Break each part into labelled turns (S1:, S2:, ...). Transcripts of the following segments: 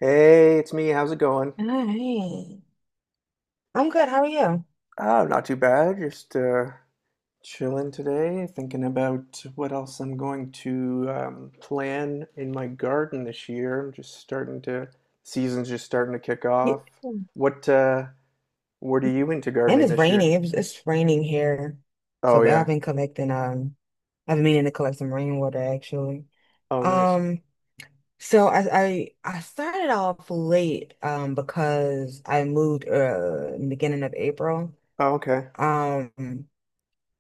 S1: Hey, it's me. How's it going?
S2: All right. I'm good. How are you?
S1: Oh, not too bad. Just chilling today, thinking about what else I'm going to plan in my garden this year. I'm just starting to, Season's just starting to kick
S2: Yeah.
S1: off.
S2: Mm.
S1: What uh, what are you into
S2: And
S1: gardening
S2: it's
S1: this year?
S2: raining. It's raining here. So
S1: Oh
S2: but I've
S1: yeah.
S2: been collecting I've been meaning to collect some rainwater actually.
S1: Oh, nice.
S2: Um I started off late because I moved in the beginning of April.
S1: Oh, okay.
S2: Um,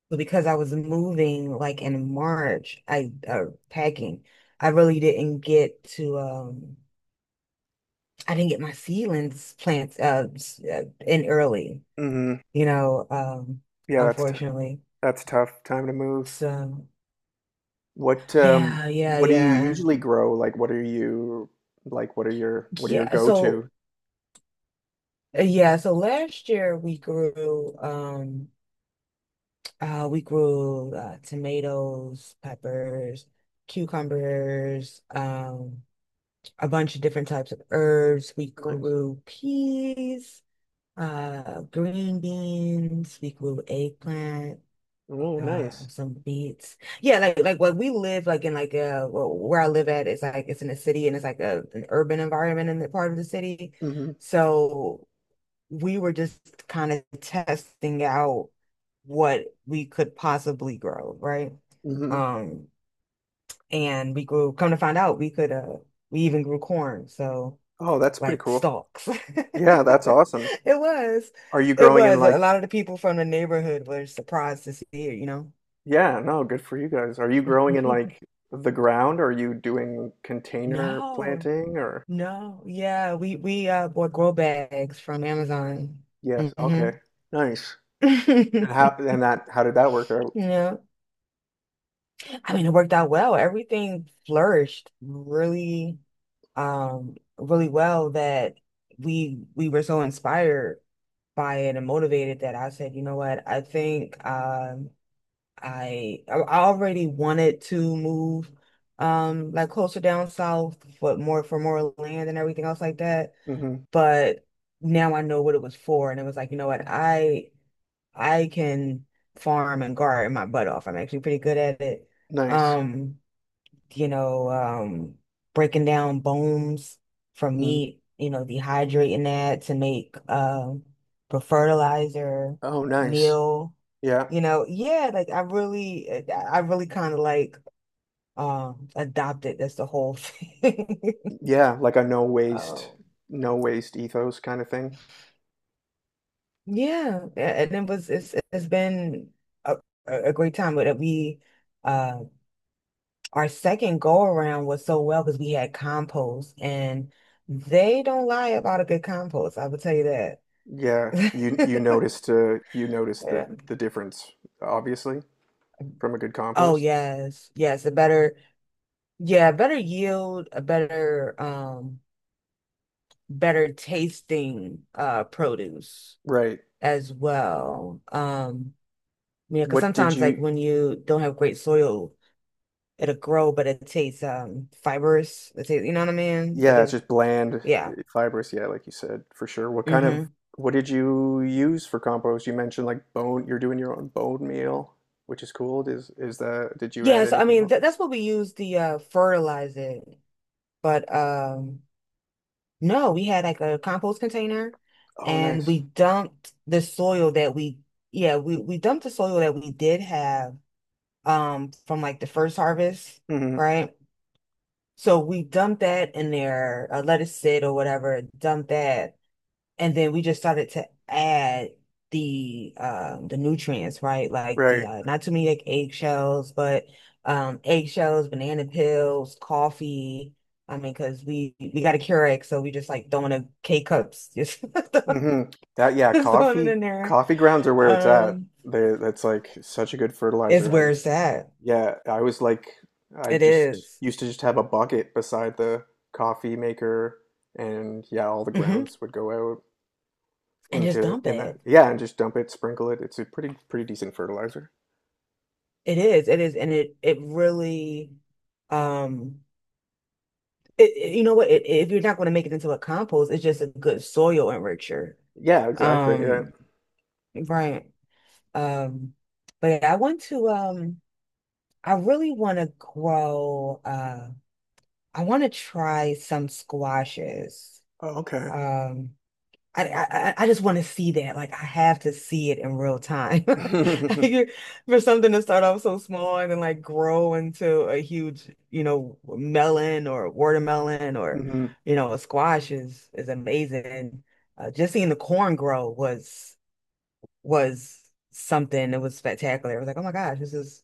S2: but because I was moving like in March, I packing. I really didn't get to I didn't get my seedlings plants in early.
S1: Mm-hmm.
S2: you know, um,
S1: Yeah,
S2: unfortunately.
S1: that's tough. Time to move.
S2: So,
S1: What um,
S2: yeah, yeah,
S1: what do you
S2: yeah.
S1: usually grow? Like, what are you like? What are your
S2: Yeah, so
S1: go-to?
S2: yeah, so last year we grew tomatoes, peppers, cucumbers, um, a bunch of different types of herbs. We
S1: Nice.
S2: grew peas, uh, green beans, we grew eggplant.
S1: Oh, nice.
S2: Some beats. Yeah, like what we live like where I live at is like it's in a city and it's like a an urban environment in the part of the city.
S1: Mhm,
S2: So we were just kind of testing out what we could possibly grow, right?
S1: mhm.
S2: Um, and we grew, come to find out we could we even grew corn, so
S1: Oh, that's pretty
S2: like
S1: cool.
S2: stalks.
S1: Yeah, that's awesome.
S2: It was.
S1: Are you
S2: It
S1: growing in
S2: was. A
S1: like,
S2: lot of the people from the neighborhood were surprised to see it, you know.
S1: yeah, no, good for you guys. Are you growing in like the ground? Or are you doing container
S2: No,
S1: planting or?
S2: no, yeah, we bought grow bags from Amazon.
S1: Yes,
S2: Hmm.
S1: okay. Nice. And how did that work out?
S2: Yeah. I mean, it worked out well. Everything flourished really, really well that we were so inspired by it and motivated that I said, you know what, I think I already wanted to move like closer down south for more land and everything else like that.
S1: Hmm.
S2: But now I know what it was for, and it was like, you know what, I can farm and garden my butt off. I'm actually pretty good at it.
S1: Nice.
S2: Um, you know, breaking down bones from
S1: Mm.
S2: meat, you know, dehydrating that to make for fertilizer,
S1: Oh, nice.
S2: meal,
S1: Yeah.
S2: you know, yeah, like I really, I really kind of like adopted. That's the whole thing.
S1: Yeah, like a no waste,
S2: Um,
S1: no waste ethos kind of thing.
S2: yeah, and it was it's been a, a great time. But we uh our second go around was so well because we had compost and they don't lie about a good compost. I will tell you that.
S1: Yeah, you noticed you noticed the
S2: Yeah.
S1: the difference obviously from a good
S2: Oh
S1: compost.
S2: yes, yes, a better yield, a better um, better tasting uh, produce
S1: Right.
S2: as well. Yeah, because
S1: What did
S2: sometimes like
S1: you,
S2: when you don't have great soil it'll grow, but it tastes um, fibrous. It tastes, you know what I mean? That
S1: yeah, it's
S2: is,
S1: just bland,
S2: yeah.
S1: eh, fibrous, yeah, like you said, for sure.
S2: Hmm.
S1: What did you use for compost? You mentioned like bone, you're doing your own bone meal, which is cool. Did you add
S2: Yeah, so I
S1: anything
S2: mean
S1: else?
S2: th that's what we use the fertilize it. But um, no, we had like a compost container
S1: Oh,
S2: and
S1: nice.
S2: we dumped the soil that we yeah, we dumped the soil that we did have um, from like the first harvest,
S1: Hmm.
S2: right? So we dumped that in there, let it sit or whatever, dumped that and then we just started to add the nutrients, right? Like the
S1: Right.
S2: not too many like eggshells, but um, eggshells, banana peels, coffee. I mean, because we got a Keurig, so we just like throwing a K cups, just,
S1: Hmm. Yeah,
S2: just throwing it
S1: coffee,
S2: in there.
S1: coffee grounds are where it's at.
S2: Um,
S1: That's like such a good
S2: it's
S1: fertilizer.
S2: where it's at.
S1: Yeah, I
S2: It
S1: just
S2: is.
S1: used to just have a bucket beside the coffee maker, and yeah, all the
S2: Mhm.
S1: grounds would go out.
S2: And just
S1: into
S2: dump
S1: in that.
S2: it.
S1: Yeah, and just dump it, sprinkle it. It's a pretty decent fertilizer.
S2: It is. It is, and it really um, you know what? It, if you're not going to make it into a compost, it's just a good soil enricher.
S1: Yeah, exactly. Yeah.
S2: Um, right. Um, but yeah, I want to. I really want to grow. I want to try some squashes.
S1: Oh, okay.
S2: Um, I I just want to see that. Like I have to see it in real time. Like, you're- For something to start off so small and then like grow into a huge, you know, melon or watermelon or,
S1: Hmm.
S2: you know, a squash is amazing. And uh, just seeing the corn grow was something. It was spectacular. It was like, oh my gosh, this is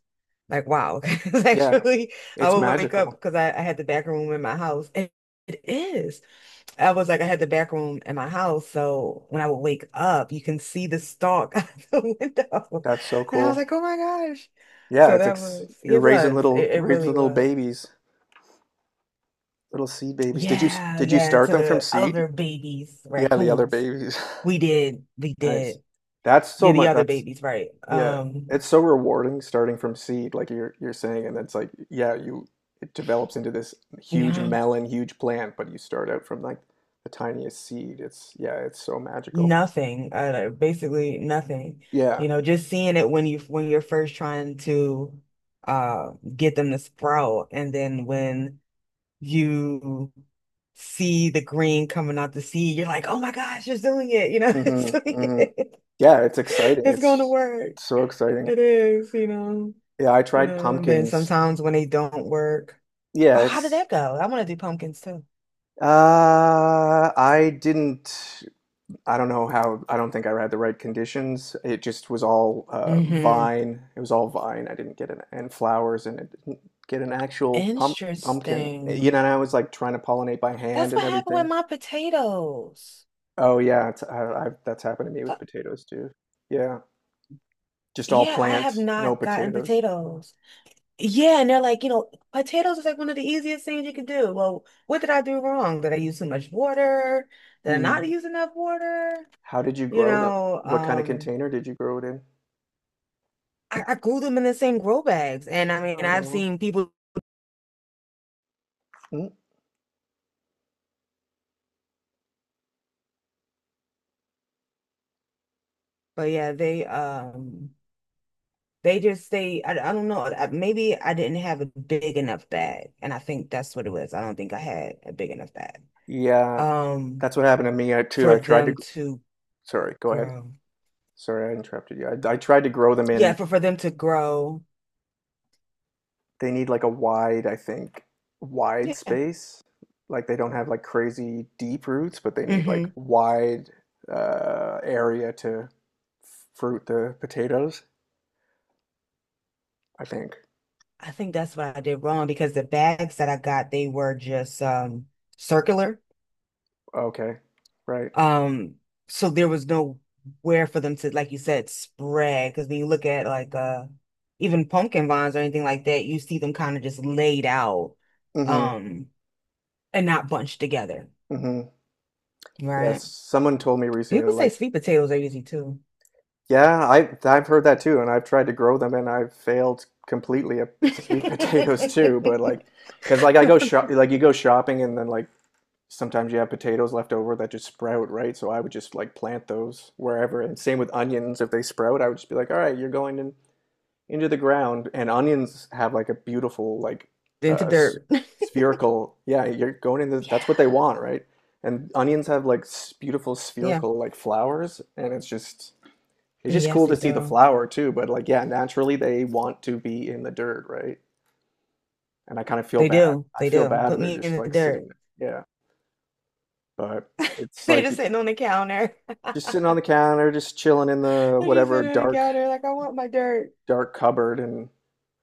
S2: like wow. 'Cause
S1: Yeah,
S2: actually, I
S1: it's
S2: would wake up
S1: magical.
S2: because I had the back room in my house, and it is. I was like, I had the back room in my house, so when I would wake up, you can see the stalk out the window.
S1: That's so
S2: And I was
S1: cool.
S2: like, oh my gosh.
S1: Yeah,
S2: So
S1: it's
S2: that
S1: ex
S2: was,
S1: you're raising
S2: it really
S1: little
S2: was.
S1: babies, little seed babies.
S2: Yeah,
S1: Did you
S2: yeah. And
S1: start
S2: to
S1: them from
S2: the
S1: seed?
S2: other babies,
S1: Yeah, the other
S2: raccoons,
S1: babies.
S2: we
S1: Nice.
S2: did.
S1: That's
S2: Yeah,
S1: so
S2: the
S1: much.
S2: other
S1: That's
S2: babies, right.
S1: Yeah, it's so rewarding starting from seed, like you're saying, and it's like, yeah, you it develops into this huge
S2: Yeah,
S1: melon, huge plant, but you start out from like the tiniest seed. It's yeah, it's so magical.
S2: nothing, basically nothing.
S1: Yeah.
S2: You know, just seeing it when you're first trying to get them to sprout, and then when you see the green coming out the seed, you're like, oh my gosh, it's doing it, you know,
S1: Hmm.
S2: it's doing
S1: Hmm.
S2: it.
S1: Yeah, it's exciting.
S2: It's going to
S1: It's
S2: work.
S1: so exciting.
S2: It is,
S1: Yeah, I
S2: you
S1: tried
S2: know, and then
S1: pumpkins.
S2: sometimes when they don't work,
S1: Yeah,
S2: oh, how did
S1: it's
S2: that go? I want to do pumpkins too.
S1: I didn't I don't know how. I don't think I had the right conditions. It just was all
S2: Hmm.
S1: vine. It was all vine. I didn't get an and flowers, and I didn't get an actual pumpkin. You know,
S2: Interesting.
S1: and I was like trying to pollinate by hand
S2: That's
S1: and
S2: what happened with
S1: everything.
S2: my potatoes.
S1: Oh yeah, it's, I, I, that's happened to me with
S2: Fu-
S1: potatoes too. Yeah, just all
S2: Yeah, I have
S1: plant, no
S2: not gotten
S1: potatoes.
S2: potatoes. Yeah, and they're like, you know, potatoes is like one of the easiest things you can do. Well, what did I do wrong? Did I use too much water? Did I not
S1: Mm.
S2: use enough water?
S1: How did you
S2: You
S1: grow them?
S2: know,
S1: What kind of container did you grow it in?
S2: I grew them in the same grow bags, and I mean, I've
S1: Oh,
S2: seen people,
S1: mm.
S2: but yeah, they just say, I don't know, I, maybe I didn't have a big enough bag, and I think that's what it was. I don't think I had a big enough bag,
S1: Yeah,
S2: um,
S1: that's what happened to me too.
S2: for
S1: I tried to.
S2: them
S1: Gr-
S2: to
S1: Sorry, go ahead.
S2: grow.
S1: Sorry, I interrupted you. I tried to grow them
S2: Yeah,
S1: in.
S2: for them to grow.
S1: They need like a wide, I think, wide
S2: Yeah.
S1: space. Like they don't have like crazy deep roots, but they need like
S2: Mhm.
S1: wide area to fruit the potatoes, I think.
S2: I think that's what I did wrong because the bags that I got, they were just um, circular.
S1: Okay, right.
S2: Um, so there was no where for them to, like you said, spread. Because when you look at like uh, even pumpkin vines or anything like that, you see them kind of just laid out
S1: Mm-hmm.
S2: um, and not bunched together,
S1: Mm-hmm. Yes,
S2: right?
S1: someone told me recently,
S2: People say
S1: like,
S2: sweet potatoes are easy too.
S1: yeah, I've heard that too, and I've tried to grow them, and I've failed completely at sweet potatoes too. But like, because like I go shop, like you go shopping, and then like sometimes you have potatoes left over that just sprout, right? So I would just like plant those wherever. And same with onions, if they sprout, I would just be like, all right, you're going in, into the ground. And onions have like a beautiful, like
S2: Into
S1: uh,
S2: dirt.
S1: spherical, yeah, you're going in the, that's what they
S2: Yeah.
S1: want, right? And onions have like beautiful
S2: Yeah.
S1: spherical like flowers, and it's just
S2: Yes,
S1: cool
S2: they
S1: to see the
S2: do.
S1: flower too. But like, yeah, naturally they want to be in the dirt, right? And I kind of feel
S2: They
S1: bad.
S2: do.
S1: I
S2: They
S1: feel
S2: do.
S1: bad.
S2: Put
S1: They're
S2: me
S1: just
S2: in the
S1: like
S2: dirt.
S1: sitting there. Yeah but it's
S2: They're
S1: like
S2: just sitting on the counter.
S1: Just sitting on the counter, just chilling in the
S2: They're just
S1: whatever
S2: sitting on the
S1: dark
S2: counter like I want my dirt.
S1: dark cupboard, and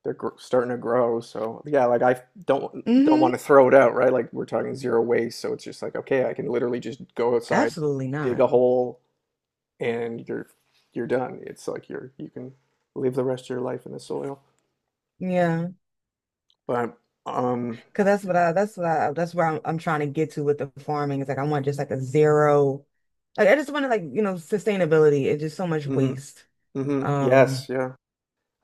S1: they're gr starting to grow. So yeah, like I don't want to
S2: Hmm.
S1: throw it out, right? Like we're talking zero waste, so it's just like okay, I can literally just go outside,
S2: Absolutely
S1: dig
S2: not.
S1: a hole, and you're done. It's like you're you can live the rest of your life in the soil.
S2: Yeah,
S1: But um,
S2: because that's what I that's what I that's where I'm trying to get to with the farming. It's like I want just like a zero. Like I just want to like you know sustainability. It's just so much
S1: mm-hmm,
S2: waste.
S1: mm-hmm, yes,
S2: Um,
S1: yeah,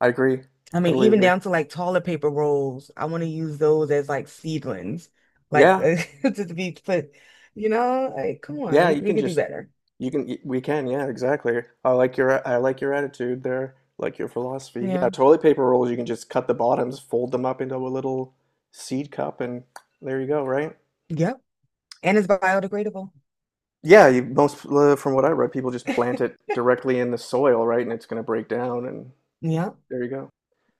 S1: I agree,
S2: I mean
S1: totally
S2: even
S1: agree.
S2: down to like toilet paper rolls. I want to use those as like seedlings, like
S1: Yeah,
S2: to be put. You know, like come on,
S1: yeah, you
S2: we
S1: can
S2: could do
S1: just.
S2: better.
S1: You can, we can, yeah, exactly. I like your attitude there, like your philosophy. Yeah,
S2: Yeah.
S1: toilet paper rolls, you can just cut the bottoms, fold them up into a little seed cup, and there you go, right?
S2: Yep. And it's biodegradable.
S1: Yeah, you, most from what I read, people just plant it directly in the soil, right? And it's going to break down, and
S2: Yeah.
S1: there you go.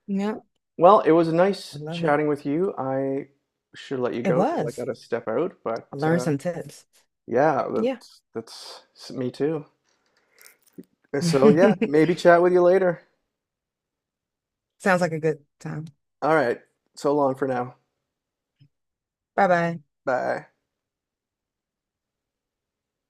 S2: Yeah,
S1: Well, it was nice
S2: I love it.
S1: chatting with you. I should let you
S2: It
S1: go because I got
S2: was.
S1: to step out, but
S2: I learned some tips.
S1: yeah,
S2: Yeah.
S1: that's me too. So yeah, maybe chat with you later.
S2: Sounds like a good time.
S1: All right, so long for now.
S2: Bye bye.
S1: Bye.